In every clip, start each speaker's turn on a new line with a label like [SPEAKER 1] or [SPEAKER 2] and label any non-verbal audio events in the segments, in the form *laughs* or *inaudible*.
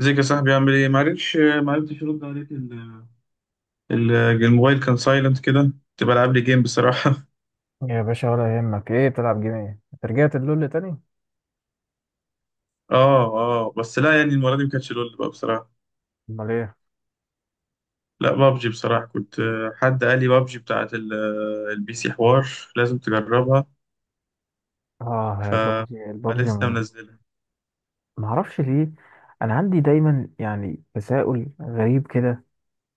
[SPEAKER 1] ازيك يا صاحبي؟ عامل ايه؟ معرفتش ارد عليك. ال- الموبايل كان سايلنت كده، كنت بلعب لي جيم بصراحه. *laughs*
[SPEAKER 2] يا باشا ولا يهمك. ايه بتلعب جيم؟ ايه انت رجعت اللول تاني؟
[SPEAKER 1] اه بس لا، يعني المره دي ما كانتش لول بقى بصراحه.
[SPEAKER 2] امال ايه؟
[SPEAKER 1] لا، بابجي بصراحه. كنت حد قال لي بابجي بتاعت البي سي. حوار لازم تجربها.
[SPEAKER 2] اه يا
[SPEAKER 1] ف
[SPEAKER 2] البابجي البابجي.
[SPEAKER 1] فلسه منزلها.
[SPEAKER 2] ما اعرفش ليه. انا عندي دايما يعني تساؤل غريب كده.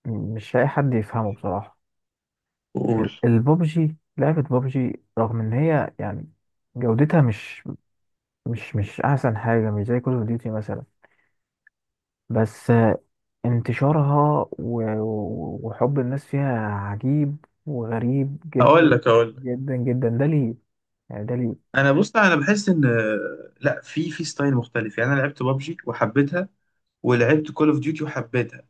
[SPEAKER 2] مش لاقي حد يفهمه بصراحه.
[SPEAKER 1] قول.
[SPEAKER 2] البابجي لعبه بابجي، رغم ان هي يعني جودتها مش مش احسن حاجه، مش زي كول اوف ديوتي مثلا. بس انتشارها وحب الناس فيها عجيب وغريب
[SPEAKER 1] اقول
[SPEAKER 2] جدا
[SPEAKER 1] لك اقول لك
[SPEAKER 2] جدا جدا. ده ليه يعني؟ ده ليه؟
[SPEAKER 1] انا بحس ان آه، لا في ستايل مختلف. يعني انا لعبت بابجي وحبيتها، ولعبت كول اوف ديوتي وحبيتها.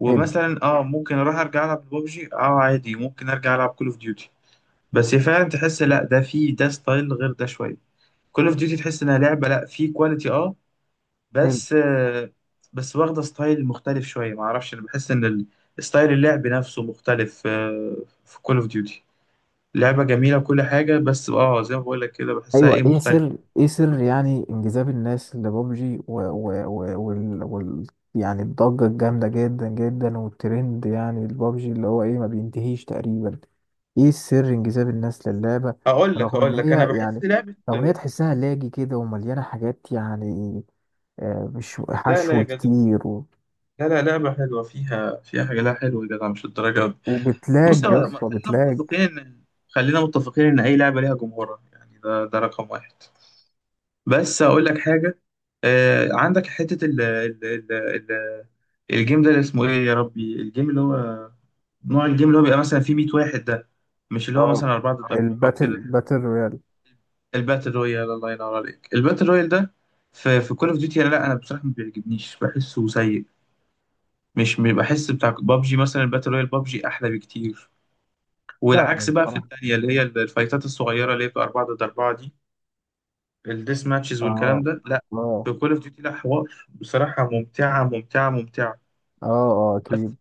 [SPEAKER 1] ومثلا اه ممكن اروح ارجع العب ببجي، اه عادي ممكن ارجع العب كول اوف ديوتي. بس هي فعلا تحس، لا ده في ده ستايل غير ده شويه. كول اوف ديوتي تحس انها لعبه، لا، في كواليتي اه،
[SPEAKER 2] حلو.
[SPEAKER 1] بس آه بس واخده ستايل مختلف شويه. ما اعرفش، انا بحس ان ستايل اللعب نفسه مختلف آه، في كول اوف ديوتي. لعبه جميله وكل حاجه، بس اه زي ما بقول لك كده بحسها
[SPEAKER 2] ايوه،
[SPEAKER 1] ايه،
[SPEAKER 2] ايه
[SPEAKER 1] مختلف.
[SPEAKER 2] سر ايه سر يعني انجذاب الناس لبابجي و يعني الضجه الجامده جدا جدا والترند، يعني البابجي اللي هو ايه ما بينتهيش تقريبا. ايه سر انجذاب الناس للعبه؟
[SPEAKER 1] اقول لك
[SPEAKER 2] رغم ان
[SPEAKER 1] اقول لك انا
[SPEAKER 2] هي
[SPEAKER 1] بحس
[SPEAKER 2] يعني،
[SPEAKER 1] لعبه
[SPEAKER 2] رغم ان هي تحسها لاجي كده ومليانه حاجات، يعني مش
[SPEAKER 1] لا لا يا
[SPEAKER 2] حشو
[SPEAKER 1] جدع،
[SPEAKER 2] كتير
[SPEAKER 1] لا لا. لعبه حلوه، فيها حاجه لا حلوه يا جدع، مش الدرجه. بص
[SPEAKER 2] وبتلاج يا اسطى،
[SPEAKER 1] خلينا
[SPEAKER 2] بتلاج.
[SPEAKER 1] متفقين ان، خلينا متفقين ان اي لعبه ليها جمهورها، يعني ده ده رقم واحد. بس اقول لك حاجه، آه عندك حته ال الجيم ده اللي اسمه ايه يا ربي، الجيم اللي هو نوع الجيم اللي هو بيبقى مثلا فيه 100 واحد ده، مش اللي هو
[SPEAKER 2] اه،
[SPEAKER 1] مثلا أربعة ضد أربعة أو
[SPEAKER 2] الباتل
[SPEAKER 1] كده.
[SPEAKER 2] رويال.
[SPEAKER 1] الباتل رويال، الله ينور عليك. الباتل رويال ده في كول أوف ديوتي، لا أنا بصراحة ما بيعجبنيش، بحسه سيء. مش بحس بتاع بابجي، مثلا الباتل رويال بابجي أحلى بكتير.
[SPEAKER 2] لا أنا
[SPEAKER 1] والعكس بقى في
[SPEAKER 2] بصراحه.
[SPEAKER 1] الثانيه، اللي هي الفايتات الصغيره اللي هي بتبقى 4 ضد 4 دي، الديس ماتشز
[SPEAKER 2] اه
[SPEAKER 1] والكلام ده، لا
[SPEAKER 2] اه
[SPEAKER 1] في كول اوف ديوتي لا، حوار بصراحه، ممتعه ممتعه ممتعه.
[SPEAKER 2] اه. اه
[SPEAKER 1] بس
[SPEAKER 2] اكيد.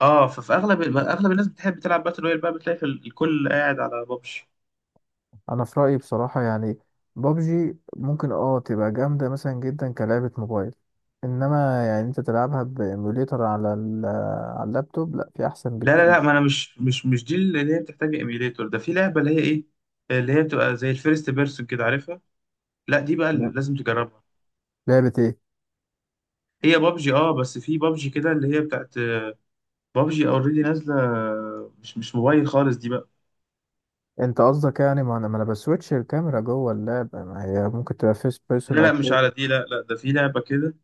[SPEAKER 1] اه ففي اغلب اغلب الناس بتحب تلعب باتل رويال بقى، بتلاقي في الكل قاعد على ببجي.
[SPEAKER 2] انا في رايي بصراحه يعني بابجي ممكن اه تبقى جامده مثلا جدا كلعبه موبايل، انما يعني انت تلعبها بايميوليتر على على اللابتوب، لا في احسن
[SPEAKER 1] لا لا لا، ما
[SPEAKER 2] بكتير.
[SPEAKER 1] انا مش دي اللي هي بتحتاج ايميليتور، ده في لعبه اللي هي ايه، اللي هي بتبقى زي الفيرست بيرسون كده، عارفها؟ لا دي بقى اللي
[SPEAKER 2] لا.
[SPEAKER 1] لازم تجربها.
[SPEAKER 2] لعبه ايه؟
[SPEAKER 1] هي بابجي اه، بس في بابجي كده اللي هي بتاعت بابجي اوريدي نازله. مش موبايل خالص دي بقى.
[SPEAKER 2] انت قصدك يعني ما انا بسويتش الكاميرا جوه اللعبه، ما هي ممكن تبقى فيرست بيرسون
[SPEAKER 1] لا
[SPEAKER 2] او
[SPEAKER 1] لا مش
[SPEAKER 2] third.
[SPEAKER 1] على دي، لا لا، ده في لعبة كده،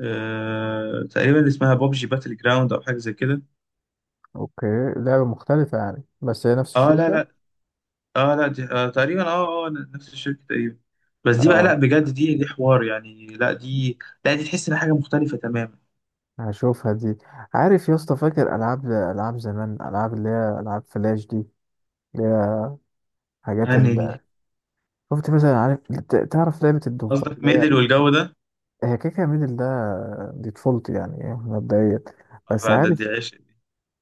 [SPEAKER 1] آه تقريبا اسمها بابجي باتل جراوند او حاجة زي كده.
[SPEAKER 2] اوكي. لعبه مختلفه يعني بس هي نفس
[SPEAKER 1] اه لا
[SPEAKER 2] الشركه.
[SPEAKER 1] لا، اه لا دي تقريبا نفس الشركة تقريبا. بس دي بقى لا
[SPEAKER 2] اه.
[SPEAKER 1] بجد، دي حوار يعني، لا دي، لا دي تحس ان حاجة مختلفة تماما.
[SPEAKER 2] هشوفها دي. عارف يا اسطى، فاكر العاب زمان، العاب اللي هي العاب فلاش دي، اللي هي حاجات.
[SPEAKER 1] يعني دي،
[SPEAKER 2] شفت مثلا؟ عارف، تعرف لعبة الضفدع
[SPEAKER 1] قصدك
[SPEAKER 2] اللي هي،
[SPEAKER 1] ميدل والجو ده؟
[SPEAKER 2] هي كيكة ميدل ده. دي طفولتي، يعني إيه، مبدئيا. بس
[SPEAKER 1] آه ده
[SPEAKER 2] عارف،
[SPEAKER 1] دي عشق دي.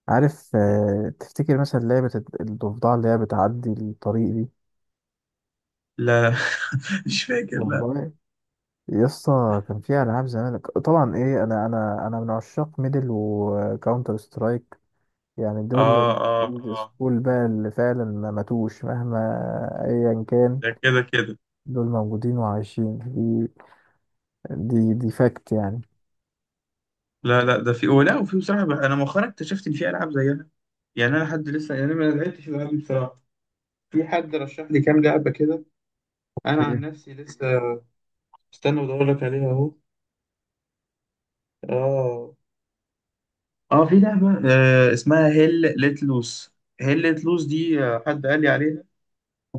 [SPEAKER 2] عارف آه، تفتكر مثلا لعبة الضفدع اللي هي بتعدي الطريق دي؟
[SPEAKER 1] لا لا. *laughs* مش فاكر لا.
[SPEAKER 2] والله يسطا كان فيها ألعاب زمان طبعا إيه. أنا من عشاق ميدل وكاونتر سترايك، يعني
[SPEAKER 1] اه
[SPEAKER 2] دول
[SPEAKER 1] اه
[SPEAKER 2] الأولد
[SPEAKER 1] اه
[SPEAKER 2] سكول بقى، اللي فعلا ما ماتوش مهما أيا كان.
[SPEAKER 1] ده كده.
[SPEAKER 2] دول موجودين وعايشين. دي دي فاكت يعني.
[SPEAKER 1] لا لا، ده في، ولا وفي بصراحة بقى انا مؤخرا اكتشفت ان في العاب زيها. يعني انا حد لسه، يعني أنا ما لعبتش الالعاب دي بصراحة. في حد رشح لي كام لعبة كده. أنا عن نفسي لسه. استنى بدور لك عليها أهو. آه في لعبة اسمها هيل ليت لوس. هيل ليت لوس دي حد قال لي عليها.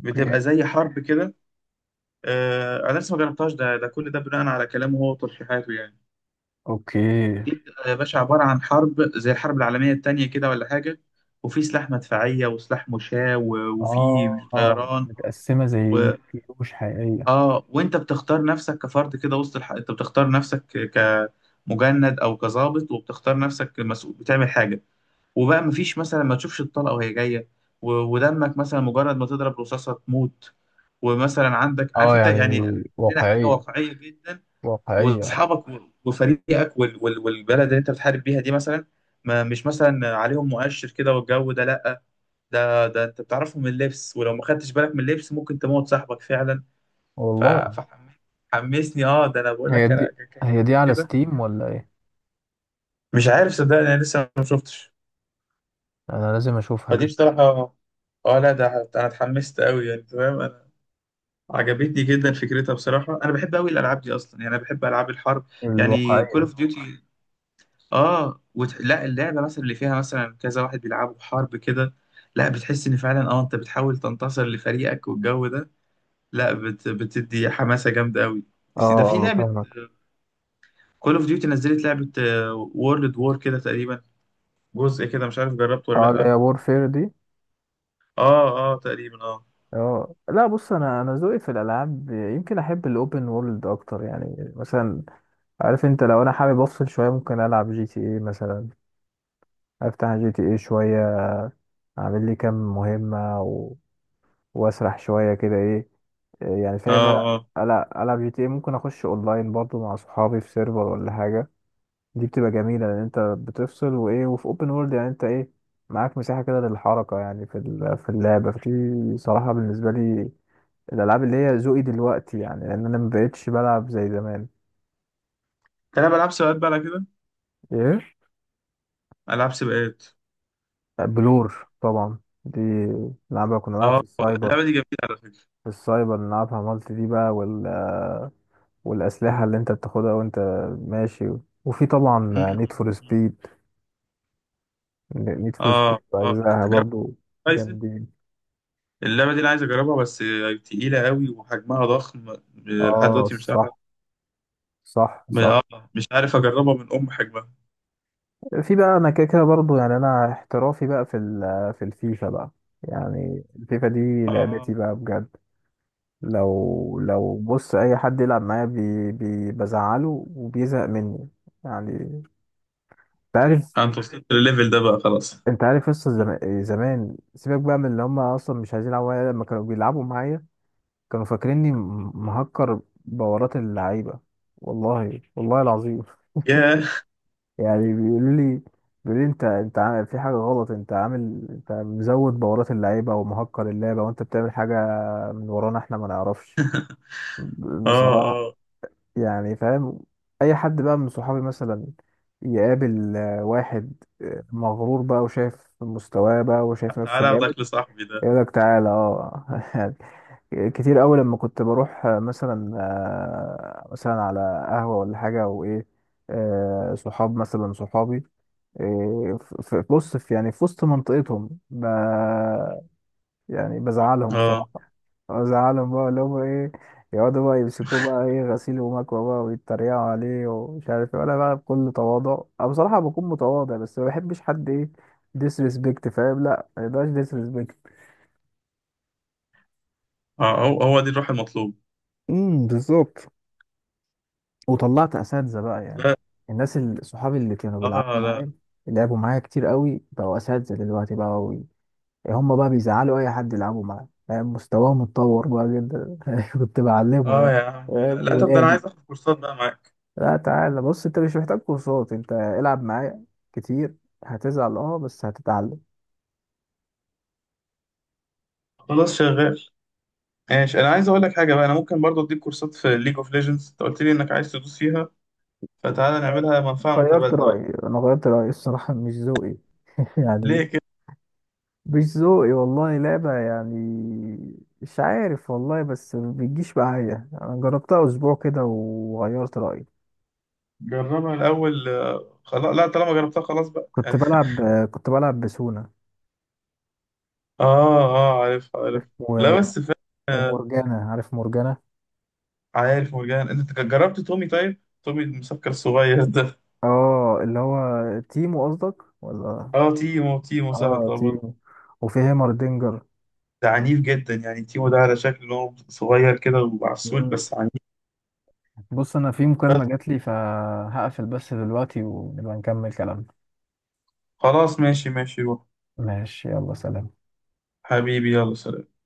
[SPEAKER 1] بتبقى زي حرب كده. آه أنا لسه ما جربتهاش، ده ده كل ده بناء على كلامه هو وترشيحاته يعني.
[SPEAKER 2] اوكي
[SPEAKER 1] دي بتبقى يا باشا عبارة عن حرب زي الحرب العالمية التانية كده ولا حاجة، وفي سلاح مدفعية وسلاح مشاة وفي
[SPEAKER 2] آه. آه،
[SPEAKER 1] طيران.
[SPEAKER 2] متقسمة زي كيلو مش حقيقية.
[SPEAKER 1] اه وانت بتختار نفسك كفرد كده وسط انت بتختار نفسك كمجند او كظابط، وبتختار نفسك مسؤول بتعمل حاجه. وبقى مفيش، مثلا ما تشوفش الطلقه وهي جايه، ودمك، مثلا مجرد ما تضرب رصاصه تموت. ومثلا عندك، عارف
[SPEAKER 2] آه،
[SPEAKER 1] انت
[SPEAKER 2] يعني
[SPEAKER 1] يعني، لنا حاجه
[SPEAKER 2] واقعية.
[SPEAKER 1] واقعيه جدا.
[SPEAKER 2] واقعية.
[SPEAKER 1] واصحابك وفريقك والبلد اللي انت بتحارب بيها دي، مثلا ما مش مثلا عليهم مؤشر كده والجو ده، لا. ده ده انت بتعرفهم من اللبس، ولو ما خدتش بالك من اللبس ممكن تموت صاحبك فعلا.
[SPEAKER 2] والله.
[SPEAKER 1] ف- فحمسني اه. ده انا بقول
[SPEAKER 2] هي
[SPEAKER 1] لك انا
[SPEAKER 2] دي، هي دي
[SPEAKER 1] كاخدها
[SPEAKER 2] على
[SPEAKER 1] كده.
[SPEAKER 2] ستيم ولا ايه؟
[SPEAKER 1] مش عارف صدقني، انا لسه ما شفتش.
[SPEAKER 2] انا لازم اشوفها
[SPEAKER 1] فدي
[SPEAKER 2] دي.
[SPEAKER 1] بصراحه اه، لا ده انا اتحمست قوي يعني. تمام، انا عجبتني جدا فكرتها بصراحه. انا بحب قوي الالعاب دي اصلا، يعني انا بحب العاب الحرب. يعني كول
[SPEAKER 2] الواقعية.
[SPEAKER 1] اوف ديوتي اه لا، اللعبه مثلا اللي فيها مثلا كذا واحد بيلعبوا حرب كده، لا بتحس ان فعلا اه انت بتحاول تنتصر لفريقك والجو ده، لا بتدي حماسه جامده قوي.
[SPEAKER 2] اه
[SPEAKER 1] ده في
[SPEAKER 2] اه
[SPEAKER 1] لعبه
[SPEAKER 2] فاهمك.
[SPEAKER 1] كول اوف ديوتي نزلت لعبة وورلد وور كده تقريبا، جزء كده، مش عارف جربته ولا
[SPEAKER 2] اه اللي هي
[SPEAKER 1] لأ.
[SPEAKER 2] وورفير دي.
[SPEAKER 1] اه اه تقريبا اه
[SPEAKER 2] اه لا، بص انا ذوقي في الالعاب يمكن احب الاوبن وورلد اكتر، يعني مثلا عارف انت، لو انا حابب افصل شويه ممكن العب جي تي اي مثلا، افتح جي تي اي شويه، اعمل لي كام مهمه، واسرح شويه كده، ايه إيه يعني،
[SPEAKER 1] اه
[SPEAKER 2] فاهم انا.
[SPEAKER 1] اه
[SPEAKER 2] العب جي تي ايه، ممكن اخش اونلاين برضو مع صحابي في سيرفر ولا حاجه. دي بتبقى جميله لان انت بتفصل، وايه، وفي اوبن وورلد يعني انت ايه، معاك مساحه كده للحركه، يعني في في اللعبه. في صراحه بالنسبه لي، الالعاب اللي هي ذوقي دلوقتي يعني، لان انا مبقتش بلعب زي زمان.
[SPEAKER 1] تلعب ألعاب سباقات بقى على كده؟
[SPEAKER 2] ايه،
[SPEAKER 1] ألعاب سباقات
[SPEAKER 2] بلور طبعا. دي نلعبها، كنا نلعب
[SPEAKER 1] اه.
[SPEAKER 2] في
[SPEAKER 1] اللعبة
[SPEAKER 2] السايبر.
[SPEAKER 1] دي جميلة على فكرة.
[SPEAKER 2] في السايبر نلعبها مالتي دي بقى، والأسلحة اللي أنت بتاخدها وأنت ماشي. وفي طبعا
[SPEAKER 1] مم.
[SPEAKER 2] نيد فور سبيد. نيد فور
[SPEAKER 1] اه
[SPEAKER 2] سبيد
[SPEAKER 1] اه
[SPEAKER 2] بأجزائها
[SPEAKER 1] جربت
[SPEAKER 2] برضو
[SPEAKER 1] هورايزن؟
[SPEAKER 2] جامدين.
[SPEAKER 1] اللعبة دي أنا عايز أجربها بس تقيلة قوي وحجمها ضخم، لحد
[SPEAKER 2] اه
[SPEAKER 1] دلوقتي مش عارف،
[SPEAKER 2] صح، صح صح.
[SPEAKER 1] مش عارف أجربها من أم حجمها.
[SPEAKER 2] في بقى أنا كده كده برضو يعني، أنا احترافي بقى في في الفيفا بقى. يعني الفيفا دي لعبتي
[SPEAKER 1] اه.
[SPEAKER 2] بقى بجد. لو بص، أي حد يلعب معايا بي بي بزعله وبيزهق مني يعني. أنت عارف،
[SPEAKER 1] أنت وصلت للليفل ده بقى، خلاص.
[SPEAKER 2] انت عارف قصة زمان. زمان سيبك بقى من اللي هم اصلا مش عايزين يلعبوا معايا، لما كانوا بيلعبوا معايا كانوا فاكريني مهكر بورات اللعيبة. والله، والله العظيم
[SPEAKER 1] ياه.
[SPEAKER 2] يعني. بيقولوا لي، بيقولوا لي انت، عامل في حاجة غلط، انت عامل، انت مزود بورات اللعيبة ومهكر اللعبة وانت بتعمل حاجة من ورانا احنا ما نعرفش،
[SPEAKER 1] اه
[SPEAKER 2] بصراحة
[SPEAKER 1] اه،
[SPEAKER 2] يعني، فاهم. اي حد بقى من صحابي مثلا يقابل آه، واحد آه، مغرور بقى وشايف مستواه بقى وشايف نفسه
[SPEAKER 1] تعالى
[SPEAKER 2] جامد،
[SPEAKER 1] أخدك لصاحبي ده.
[SPEAKER 2] يقول لك تعالى اه *laughs* يعني. كتير قوي لما كنت بروح آه، مثلا آه، مثلا على قهوة ولا حاجة وايه، آه، صحاب مثلا صحابي إيه، بص في يعني، في وسط منطقتهم يعني بزعلهم
[SPEAKER 1] اه
[SPEAKER 2] بصراحة. بزعلهم بقى، اللي هم ايه يقعدوا بقى يمسكوه بقى ايه غسيل ومكوى بقى ويتريقوا عليه ومش عارف ايه. انا بقى بكل تواضع، انا بصراحة بكون متواضع، بس ما بحبش حد ايه ديسريسبكت، فاهم؟ لا، ما يبقاش ديسريسبكت.
[SPEAKER 1] اه، هو هو دي الروح المطلوب.
[SPEAKER 2] امم، بالظبط. وطلعت اساتذه بقى يعني،
[SPEAKER 1] لا.
[SPEAKER 2] الناس صحابي اللي كانوا بيلعبوا
[SPEAKER 1] اه لا.
[SPEAKER 2] معايا، اللي لعبوا معايا كتير قوي بقوا اساتذه دلوقتي بقى و... هم بقى بيزعلوا اي حد يلعبوا معاه، فاهم؟ مستواهم اتطور بقى جدا *laughs* كنت بعلمه
[SPEAKER 1] اه
[SPEAKER 2] يعني،
[SPEAKER 1] يا عم لا
[SPEAKER 2] فاهم؟
[SPEAKER 1] لا، طب ده انا
[SPEAKER 2] ولادي.
[SPEAKER 1] عايز اخد كورسات بقى معاك.
[SPEAKER 2] لا، تعالى بص، انت مش محتاج كورسات، انت العب معايا كتير. هتزعل اه، بس هتتعلم.
[SPEAKER 1] خلاص شغال. ماشي، انا عايز اقول لك حاجه بقى، انا ممكن برضو اديك كورسات في ليج اوف ليجندز، انت قلت لي انك عايز تدوس فيها، فتعالى نعملها منفعه
[SPEAKER 2] غيرت
[SPEAKER 1] متبادله بقى.
[SPEAKER 2] رايي، انا غيرت رايي الصراحه، مش ذوقي *laughs*
[SPEAKER 1] ليه
[SPEAKER 2] يعني.
[SPEAKER 1] كده؟
[SPEAKER 2] مش ذوقي والله. لعبة يعني مش عارف والله، بس ما بتجيش معايا. انا جربتها اسبوع كده وغيرت رأيي.
[SPEAKER 1] جربها الاول خلاص لا، طالما جربتها خلاص بقى
[SPEAKER 2] كنت
[SPEAKER 1] يعني.
[SPEAKER 2] بلعب كنت بلعب بسونا،
[SPEAKER 1] *laughs* اه، عارف. لا
[SPEAKER 2] و-
[SPEAKER 1] بس فعلا آه،
[SPEAKER 2] ومورجانا، عارف مورجانا.
[SPEAKER 1] عارف مرجان؟ انت جربت تومي؟ طيب تومي المسكر الصغير *laughs* ده؟
[SPEAKER 2] اه، اللي هو تيمو قصدك ولا؟
[SPEAKER 1] اه تيمو، تيمو سهل
[SPEAKER 2] اه
[SPEAKER 1] طبعا.
[SPEAKER 2] تيمو، وفي هيمردينجر.
[SPEAKER 1] ده عنيف جدا يعني، تيمو ده على شكل إن هو صغير كده وعسول،
[SPEAKER 2] مم.
[SPEAKER 1] بس عنيف.
[SPEAKER 2] بص انا في
[SPEAKER 1] بس
[SPEAKER 2] مكالمة جات لي، فهقفل بس دلوقتي ونبقى نكمل كلامنا.
[SPEAKER 1] خلاص ماشي ماشي، روح
[SPEAKER 2] ماشي، يلا سلام.
[SPEAKER 1] حبيبي يلا سلام.